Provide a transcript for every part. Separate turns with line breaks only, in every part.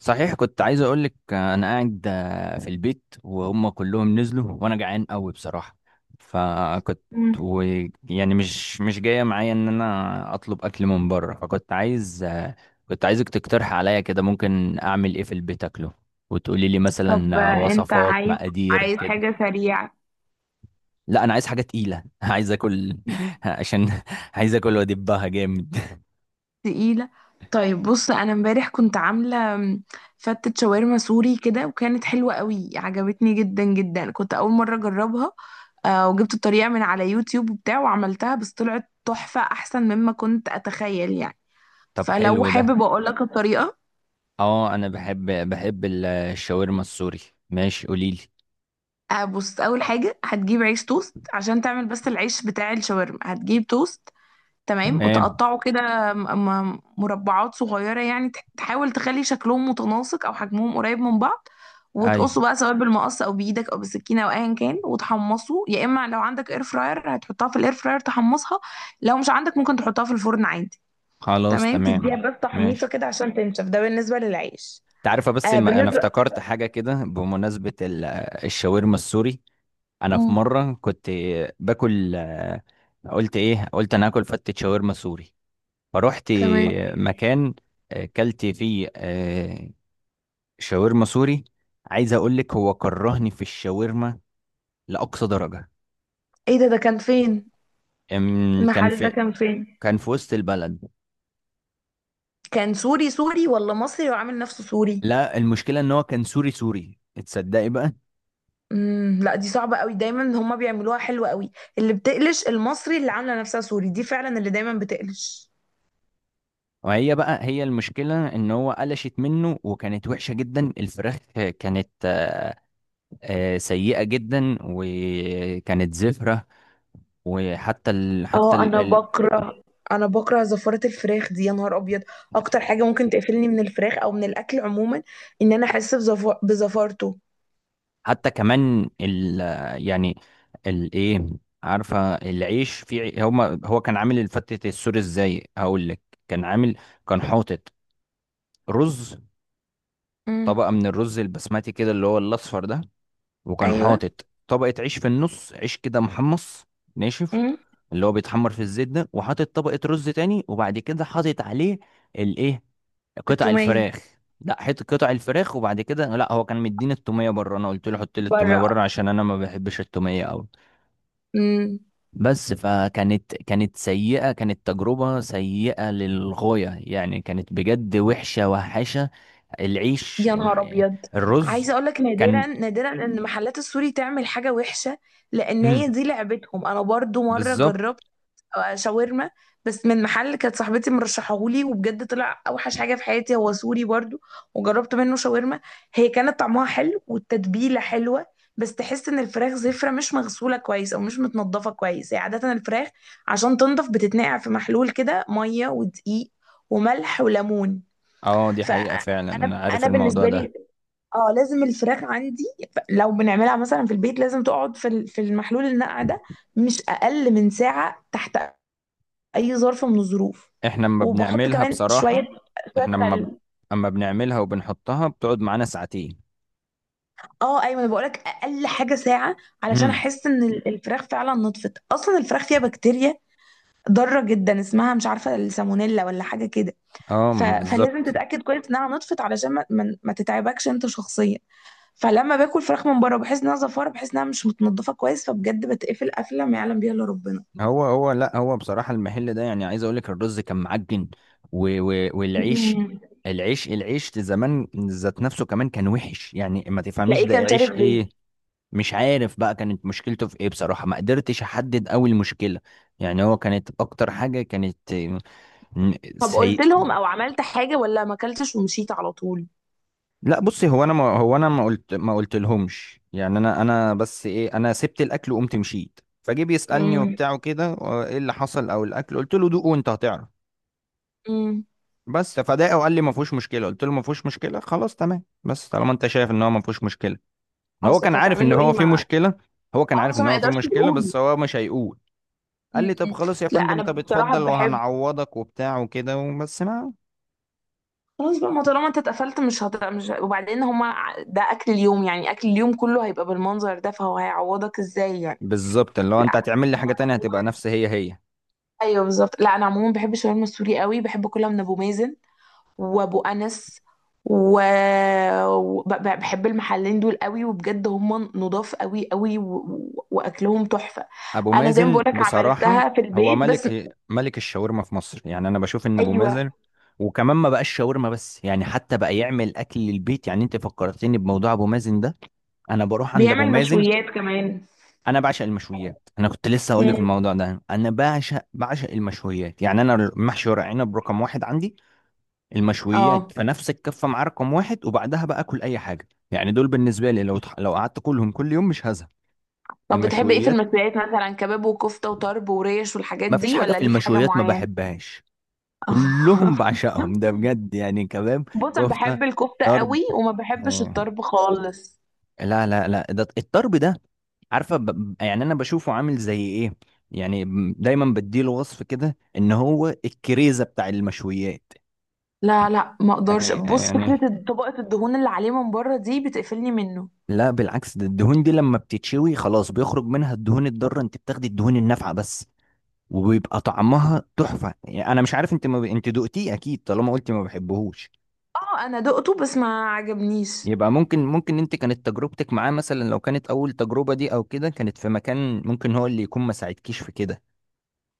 صحيح كنت عايز اقول لك انا قاعد في البيت وهم كلهم نزلوا وانا جعان قوي بصراحه. فكنت
مم.
و يعني مش جايه معايا ان انا اطلب اكل من بره. فكنت عايز آه، كنت عايزك تقترح عليا كده ممكن اعمل ايه في البيت اكله، وتقولي لي
طب،
مثلا
انت
وصفات مقادير
عايز
كده.
حاجة سريعة
لا انا عايز حاجه تقيله عايز اكل عشان عايز اكل وادبها جامد.
تقيلة. طيب بص، انا امبارح كنت عاملة فتة شاورما سوري كده، وكانت حلوة قوي، عجبتني جدا جدا، كنت اول مرة اجربها. وجبت الطريقة من على يوتيوب وبتاع، وعملتها بس طلعت تحفة احسن مما كنت اتخيل يعني.
طب
فلو
حلو ده.
حابب اقول لك الطريقة،
اه انا بحب الشاورما السوري. ماشي قوليلي.
بص، اول حاجة هتجيب عيش توست عشان تعمل، بس العيش بتاع الشاورما هتجيب توست. تمام،
تمام.
وتقطعه كده مربعات صغيرة، يعني تحاول تخلي شكلهم متناسق أو حجمهم قريب من بعض.
ايوه.
وتقصه بقى سواء بالمقص أو بإيدك أو بالسكينة أو أيا كان، وتحمصه. يا إما لو عندك إير فراير هتحطها في الإير فراير تحمصها، لو مش عندك ممكن تحطها في الفرن عادي.
خلاص
تمام، تديها
تمام
بس تحميطة
ماشي.
كده عشان تنشف. ده بالنسبة للعيش.
انت عارفه، بس انا
بالنسبة...
افتكرت حاجه كده بمناسبه الشاورما السوري. انا في
مم.
مره كنت باكل قلت ايه، قلت انا هاكل فتة شاورما سوري. فروحت
تمام.
مكان كلت فيه شاورما سوري. عايز اقول لك هو كرهني في الشاورما لاقصى درجه.
ايه ده؟ كان فين؟
أم، كان
المحل ده
في
كان فين؟
كان في وسط البلد.
كان سوري سوري ولا مصري وعامل نفسه سوري؟
لا، المشكله ان هو كان سوري سوري. تصدقي بقى.
لا، دي صعبة قوي، دايما هما بيعملوها حلوة قوي. اللي بتقلش المصري اللي عاملة نفسها سوري، دي فعلا اللي دايما بتقلش.
وهي بقى هي المشكلة ان هو قلشت منه وكانت وحشة جدا. الفراخ كانت سيئة جدا وكانت زفرة. وحتى ال... حتى
اه
ال...
انا
ال-
بكره، انا بكره زفارة الفراخ دي، يا نهار ابيض. اكتر حاجة ممكن تقفلني من الفراخ او من الاكل عموما ان انا احس بزفارته.
حتى كمان ال... يعني الايه، عارفة العيش في هما، هو كان عامل الفتة السوري ازاي؟ هقول لك. كان عامل كان حاطط رز،
امم.
طبقة من الرز البسمتي كده اللي هو الاصفر ده. وكان
ايوه.
حاطط طبقة عيش في النص، عيش كده محمص ناشف،
امم.
اللي هو بيتحمر في الزيت ده. وحاطط طبقة رز تاني وبعد كده حاطط عليه الايه، قطع
التومية
الفراخ. لا حط قطع الفراخ، وبعد كده لا، هو كان مديني التومية بره، انا قلت له حط لي التومية
بره.
بره عشان انا ما بحبش التومية قوي.
امم.
بس فكانت سيئة، كانت تجربة سيئة للغاية، يعني كانت بجد وحشة وحشة. العيش،
يا نهار ابيض.
الرز
عايزة اقول لك،
كان
نادرا نادرا ان محلات السوري تعمل حاجة وحشة، لان هي
مم.
دي لعبتهم. انا برضو مرة
بالظبط.
جربت شاورما، بس من محل كانت صاحبتي مرشحهولي، وبجد طلع اوحش حاجه في حياتي، هو سوري برضو. وجربت منه شاورما، هي كانت طعمها حلو والتتبيله حلوه، بس تحس ان الفراخ زفره مش مغسوله كويس او مش متنضفه كويس. هي عاده الفراخ عشان تنضف بتتنقع في محلول كده، ميه ودقيق وملح وليمون.
اه دي حقيقة، فعلا انا
فانا
عارف
انا
الموضوع
بالنسبه
ده.
لي، اه لازم الفراخ عندي لو بنعملها مثلا في البيت لازم تقعد في في المحلول، النقع ده مش اقل من ساعه تحت اي ظرف من الظروف.
احنا لما
وبحط
بنعملها
كمان شويه
بصراحة،
شويه
احنا لما ب...
خل.
اما بنعملها وبنحطها بتقعد معانا ساعتين.
اه ايوه، انا بقولك اقل حاجه ساعه، علشان
امم.
احس ان الفراخ فعلا نطفت. اصلا الفراخ فيها بكتيريا ضاره جدا اسمها، مش عارفه، السالمونيلا ولا حاجه كده.
اه
فلازم
بالظبط.
تتاكد كويس انها نطفت، علشان ما تتعبكش انت شخصيا. فلما باكل فراخ من بره، بحس انها زفاره، بحس انها مش متنضفه كويس، فبجد بتقفل قفله ما يعلم بيها الا ربنا.
هو هو لا، هو بصراحة المحل ده يعني عايز اقول لك الرز كان معجن والعيش.
مم.
العيش زمان ذات نفسه كمان كان وحش، يعني ما تفهميش
تلاقيه
ده
كان
عيش
شارب
ايه.
زيت.
مش عارف بقى كانت مشكلته في ايه بصراحة، ما قدرتش احدد قوي المشكلة. يعني هو كانت اكتر حاجة كانت
طب،
سيئة.
قلت لهم او عملت حاجه، ولا ما اكلتش ومشيت على طول؟
لا بصي، هو انا ما هو انا ما قلت ما قلت لهمش. يعني انا بس ايه، انا سبت الاكل وقمت مشيت، فجه بيسالني
امم.
وبتاع وكده ايه اللي حصل او الاكل؟ قلت له دوق وانت هتعرف.
امم.
بس فداق وقال لي ما فيهوش مشكله. قلت له ما فيهوش مشكله، خلاص تمام، بس طالما انت شايف ان هو ما فيهوش مشكله. ما هو كان
قصدك
عارف
هتعمل
ان
له
هو
ايه
في
مع...
مشكله. هو كان
اه
عارف
بس هو
ان
ما
هو في
يقدرش
مشكله
يقول.
بس هو مش هيقول. قال لي طب
امم.
خلاص يا
لا
فندم،
انا
طب
بصراحه
اتفضل
بحب...
وهنعوضك وبتاع وكده وبس ما.
خلاص بقى، ما طالما انت اتقفلت، مش، وبعدين هما ده اكل اليوم، يعني اكل اليوم كله هيبقى بالمنظر ده، فهو هيعوضك ازاي يعني؟
بالظبط، اللي هو
لا.
انت هتعمل لي
أنا
حاجه تانية هتبقى
عموماً-
نفس هي هي.
ايوه بالظبط. لا انا عموما بحب الشاورما السوري قوي، بحب اكلها من ابو مازن وابو انس و... بحب المحلين دول قوي، وبجد هم نضاف قوي قوي، واكلهم تحفة.
ابو
انا زي ما
مازن
بقولك
بصراحه
عملتها في
هو
البيت بس...
ملك ملك الشاورما في مصر. يعني انا بشوف ان ابو
ايوه،
مازن وكمان ما بقاش شاورما بس، يعني حتى بقى يعمل اكل للبيت. يعني انت فكرتني بموضوع ابو مازن ده. انا بروح عند ابو
بيعمل
مازن.
مشويات كمان.
انا بعشق المشويات، انا كنت لسه هقول
مم.
لك الموضوع ده. انا بعشق المشويات. يعني انا محشي ورق عنب رقم واحد عندي، المشويات
اه،
فنفس الكفه مع رقم واحد. وبعدها بقى اكل اي حاجه. يعني دول بالنسبه لي لو لو قعدت كلهم كل يوم مش هزهق.
طب بتحب ايه في
المشويات
المشويات؟ مثلا كباب وكفتة وطرب وريش والحاجات
ما فيش
دي،
حاجه
ولا
في
ليك حاجة
المشويات ما
معينة؟
بحبهاش. كلهم بعشقهم ده بجد. يعني كباب،
بص انا
كفتة،
بحب الكفتة
طرب،
قوي، وما بحبش
آه،
الطرب خالص.
لا لا لا، ده الطرب ده، يعني أنا بشوفه عامل زي إيه. يعني دايما بديله وصف كده إن هو الكريزة بتاع المشويات.
لا لا، ما اقدرش.
يعني
بص،
يعني
فكرة طبقة الدهون اللي عليه من بره دي بتقفلني منه.
لا بالعكس، ده الدهون دي لما بتتشوي خلاص بيخرج منها الدهون الضارة، أنت بتاخدي الدهون النافعة بس. وبيبقى طعمها تحفة. يعني أنا مش عارف، أنت ما ب... أنت دقتيه أكيد طالما قلتي ما بحبهوش.
اه انا دقته بس ما عجبنيش.
يبقى ممكن انت كانت تجربتك معاه مثلا، لو كانت اول تجربة دي او كده كانت في مكان ممكن هو اللي يكون ما ساعدكيش في كده،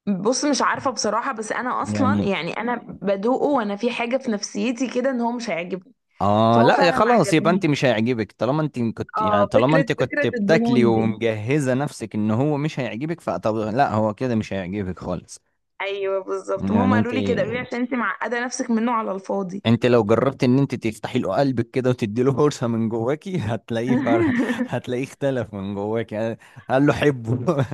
بص، مش عارفة بصراحة، بس انا اصلا
يعني.
يعني انا بدوقه وانا في حاجة في نفسيتي كده ان هو مش هيعجبني،
اه
فهو
لا يا
فعلا ما
خلاص، يبقى
عجبنيش.
انت مش هيعجبك، طالما انت كنت يعني
اه،
طالما انت كنت
فكرة
بتاكلي
الدهون دي.
ومجهزة نفسك ان هو مش هيعجبك، فطب لا هو كده مش هيعجبك خالص.
ايوه بالظبط، ما هم
يعني انت
قالوا لي كده، قالوا لي عشان انت معقدة نفسك منه على الفاضي.
انت لو جربت ان انت تفتحي له قلبك كده وتدي له فرصة من جواكي، هتلاقيه اختلف من جواكي. قال له حبه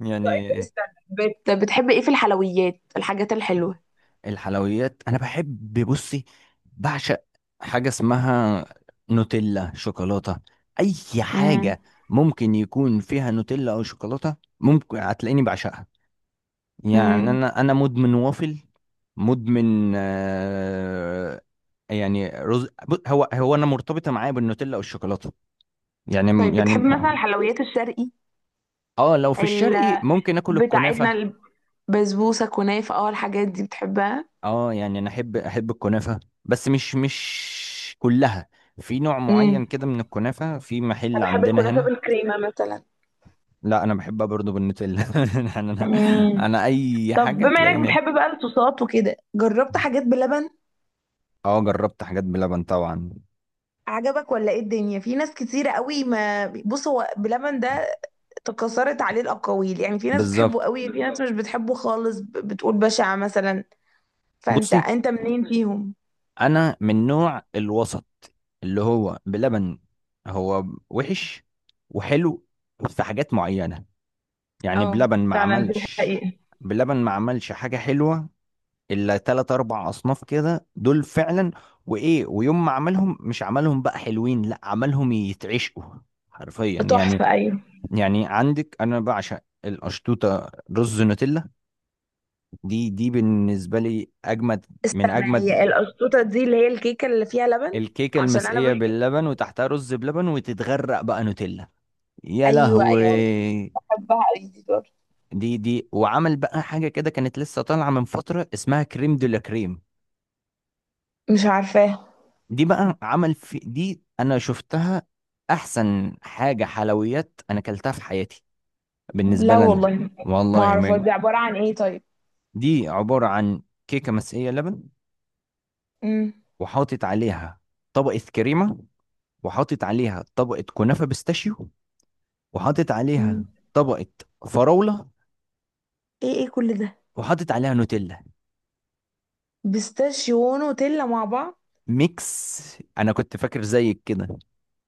يعني.
استنى، بتحب ايه في الحلويات، الحاجات الحلوة؟
الحلويات انا بحب. بصي، بعشق حاجه اسمها نوتيلا، شوكولاته، اي
امم.
حاجه ممكن يكون فيها نوتيلا او شوكولاته ممكن هتلاقيني بعشقها. يعني
امم.
انا مدمن وافل، مدمن آه. يعني رز هو هو انا مرتبطه معايا بالنوتيلا او الشوكولاته.
طيب
يعني
بتحب
يعني
مثلا الحلويات الشرقي،
اه لو في
ال...
الشرقي ممكن اكل الكنافه.
بتاعتنا، البسبوسة، كنافة؟ اه، الحاجات دي بتحبها؟
اه يعني انا احب الكنافه، بس مش كلها. في نوع
امم.
معين كده من الكنافه في محل
أنا بحب
عندنا
الكنافة
هنا.
بالكريمة مثلا.
لا انا بحبها برضو بالنوتيلا يعني انا،
مم.
اي
طب
حاجه
بما انك
تلاقيني.
بتحب بقى الصوصات وكده، جربت حاجات بلبن؟
اه جربت حاجات بلبن طبعا.
عجبك ولا ايه؟ الدنيا في ناس كتيرة قوي، ما... بص، هو بلبن ده تكاثرت عليه الأقاويل، يعني في ناس بتحبه
بالظبط.
قوي، في ناس مش بالظبط بتحبه خالص، بتقول بشع مثلا. فانت
بصي،
انت منين فيهم؟
انا من نوع الوسط، اللي هو بلبن، هو وحش وحلو. في حاجات معينه، يعني
اه
بلبن ما
فعلا، دي
عملش،
حقيقة.
بلبن ما عملش حاجه حلوه الا تلات اربع اصناف كده، دول فعلا. وايه، ويوم ما عملهم مش عملهم بقى حلوين، لا عملهم يتعشقوا، حرفيا. يعني
تحفة، ايوه.
يعني عندك انا بعشق القشطوطه، رز نوتيلا، دي دي بالنسبه لي اجمد من
استنى،
اجمد.
هي القشطوطة دي اللي هي الكيكة اللي فيها لبن؟
الكيكه
عشان انا
المسقيه
بس...
باللبن وتحتها رز بلبن وتتغرق بقى نوتيلا. يا
ايوه ايوه،
لهوي.
بحبها قوي دي برضه.
دي دي وعمل بقى حاجه كده كانت لسه طالعه من فتره اسمها كريم دولا كريم.
مش عارفاها.
دي بقى عمل في دي، انا شفتها احسن حاجه حلويات انا اكلتها في حياتي بالنسبه
لا
لنا.
والله، ما
والله
اعرف
من،
دي عبارة عن ايه طيب؟
دي عباره عن كيكه مسقيه لبن،
امم.
وحاطط عليها طبقه كريمه، وحاطط عليها طبقه كنافه بيستاشيو، وحاطط
مم.
عليها طبقه فراوله،
ايه، ايه كل ده؟
وحاطط عليها نوتيلا.
بيستاشيو ونوتيلا مع بعض؟
ميكس. انا كنت فاكر زيك كده،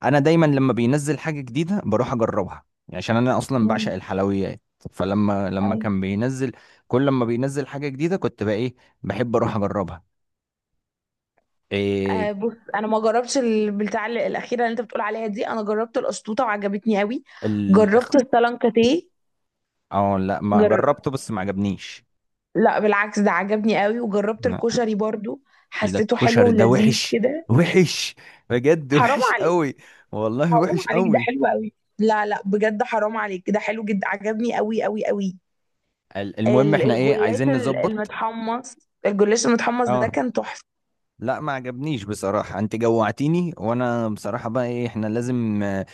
انا دايما لما بينزل حاجه جديده بروح اجربها، يعني عشان انا اصلا
مم.
بعشق الحلويات. فلما لما
ايوه.
كان بينزل كل ما بينزل حاجه جديده كنت بقى ايه، بحب اروح اجربها. إيه.
بص، انا ما جربتش البتاع الاخيره اللي انت بتقول عليها دي. انا جربت القشطوطه وعجبتني قوي،
ال.
جربت السلانكاتيه.
اه لا ما
جر...
جربته بس ما عجبنيش.
لا بالعكس، ده عجبني قوي. وجربت
لا،
الكشري برضو،
ايه ده
حسيته حلو
الكشري ده
ولذيذ
وحش،
كده.
وحش، بجد
حرام
وحش
عليك.
قوي. والله
حرام
وحش
عليك، ده
قوي.
حلو قوي. لا لا، بجد حرام عليك، ده حلو جدا، عجبني قوي قوي قوي.
المهم، احنا ايه
الجلاش
عايزين نظبط.
المتحمص، الجلاش المتحمص ده
اه
كان تحفة.
لا ما عجبنيش بصراحة. انت جوعتيني، وانا بصراحة بقى ايه احنا لازم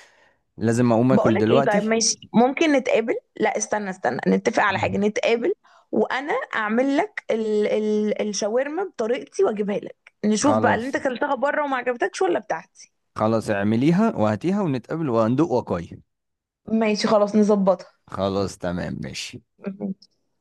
لازم اقوم اكل
بقولك ايه،
دلوقتي.
طيب ماشي، ممكن نتقابل. لا استنى استنى، نتفق على حاجة، نتقابل، وانا اعمل لك ال ال الشاورما بطريقتي واجيبها لك، نشوف بقى اللي انت
خلاص.
اكلتها بره وما عجبتكش ولا بتاعتي.
خلاص اعمليها وهاتيها ونتقابل وهندوق وقاي.
ماشي خلاص، نظبطها.
خلاص تمام ماشي.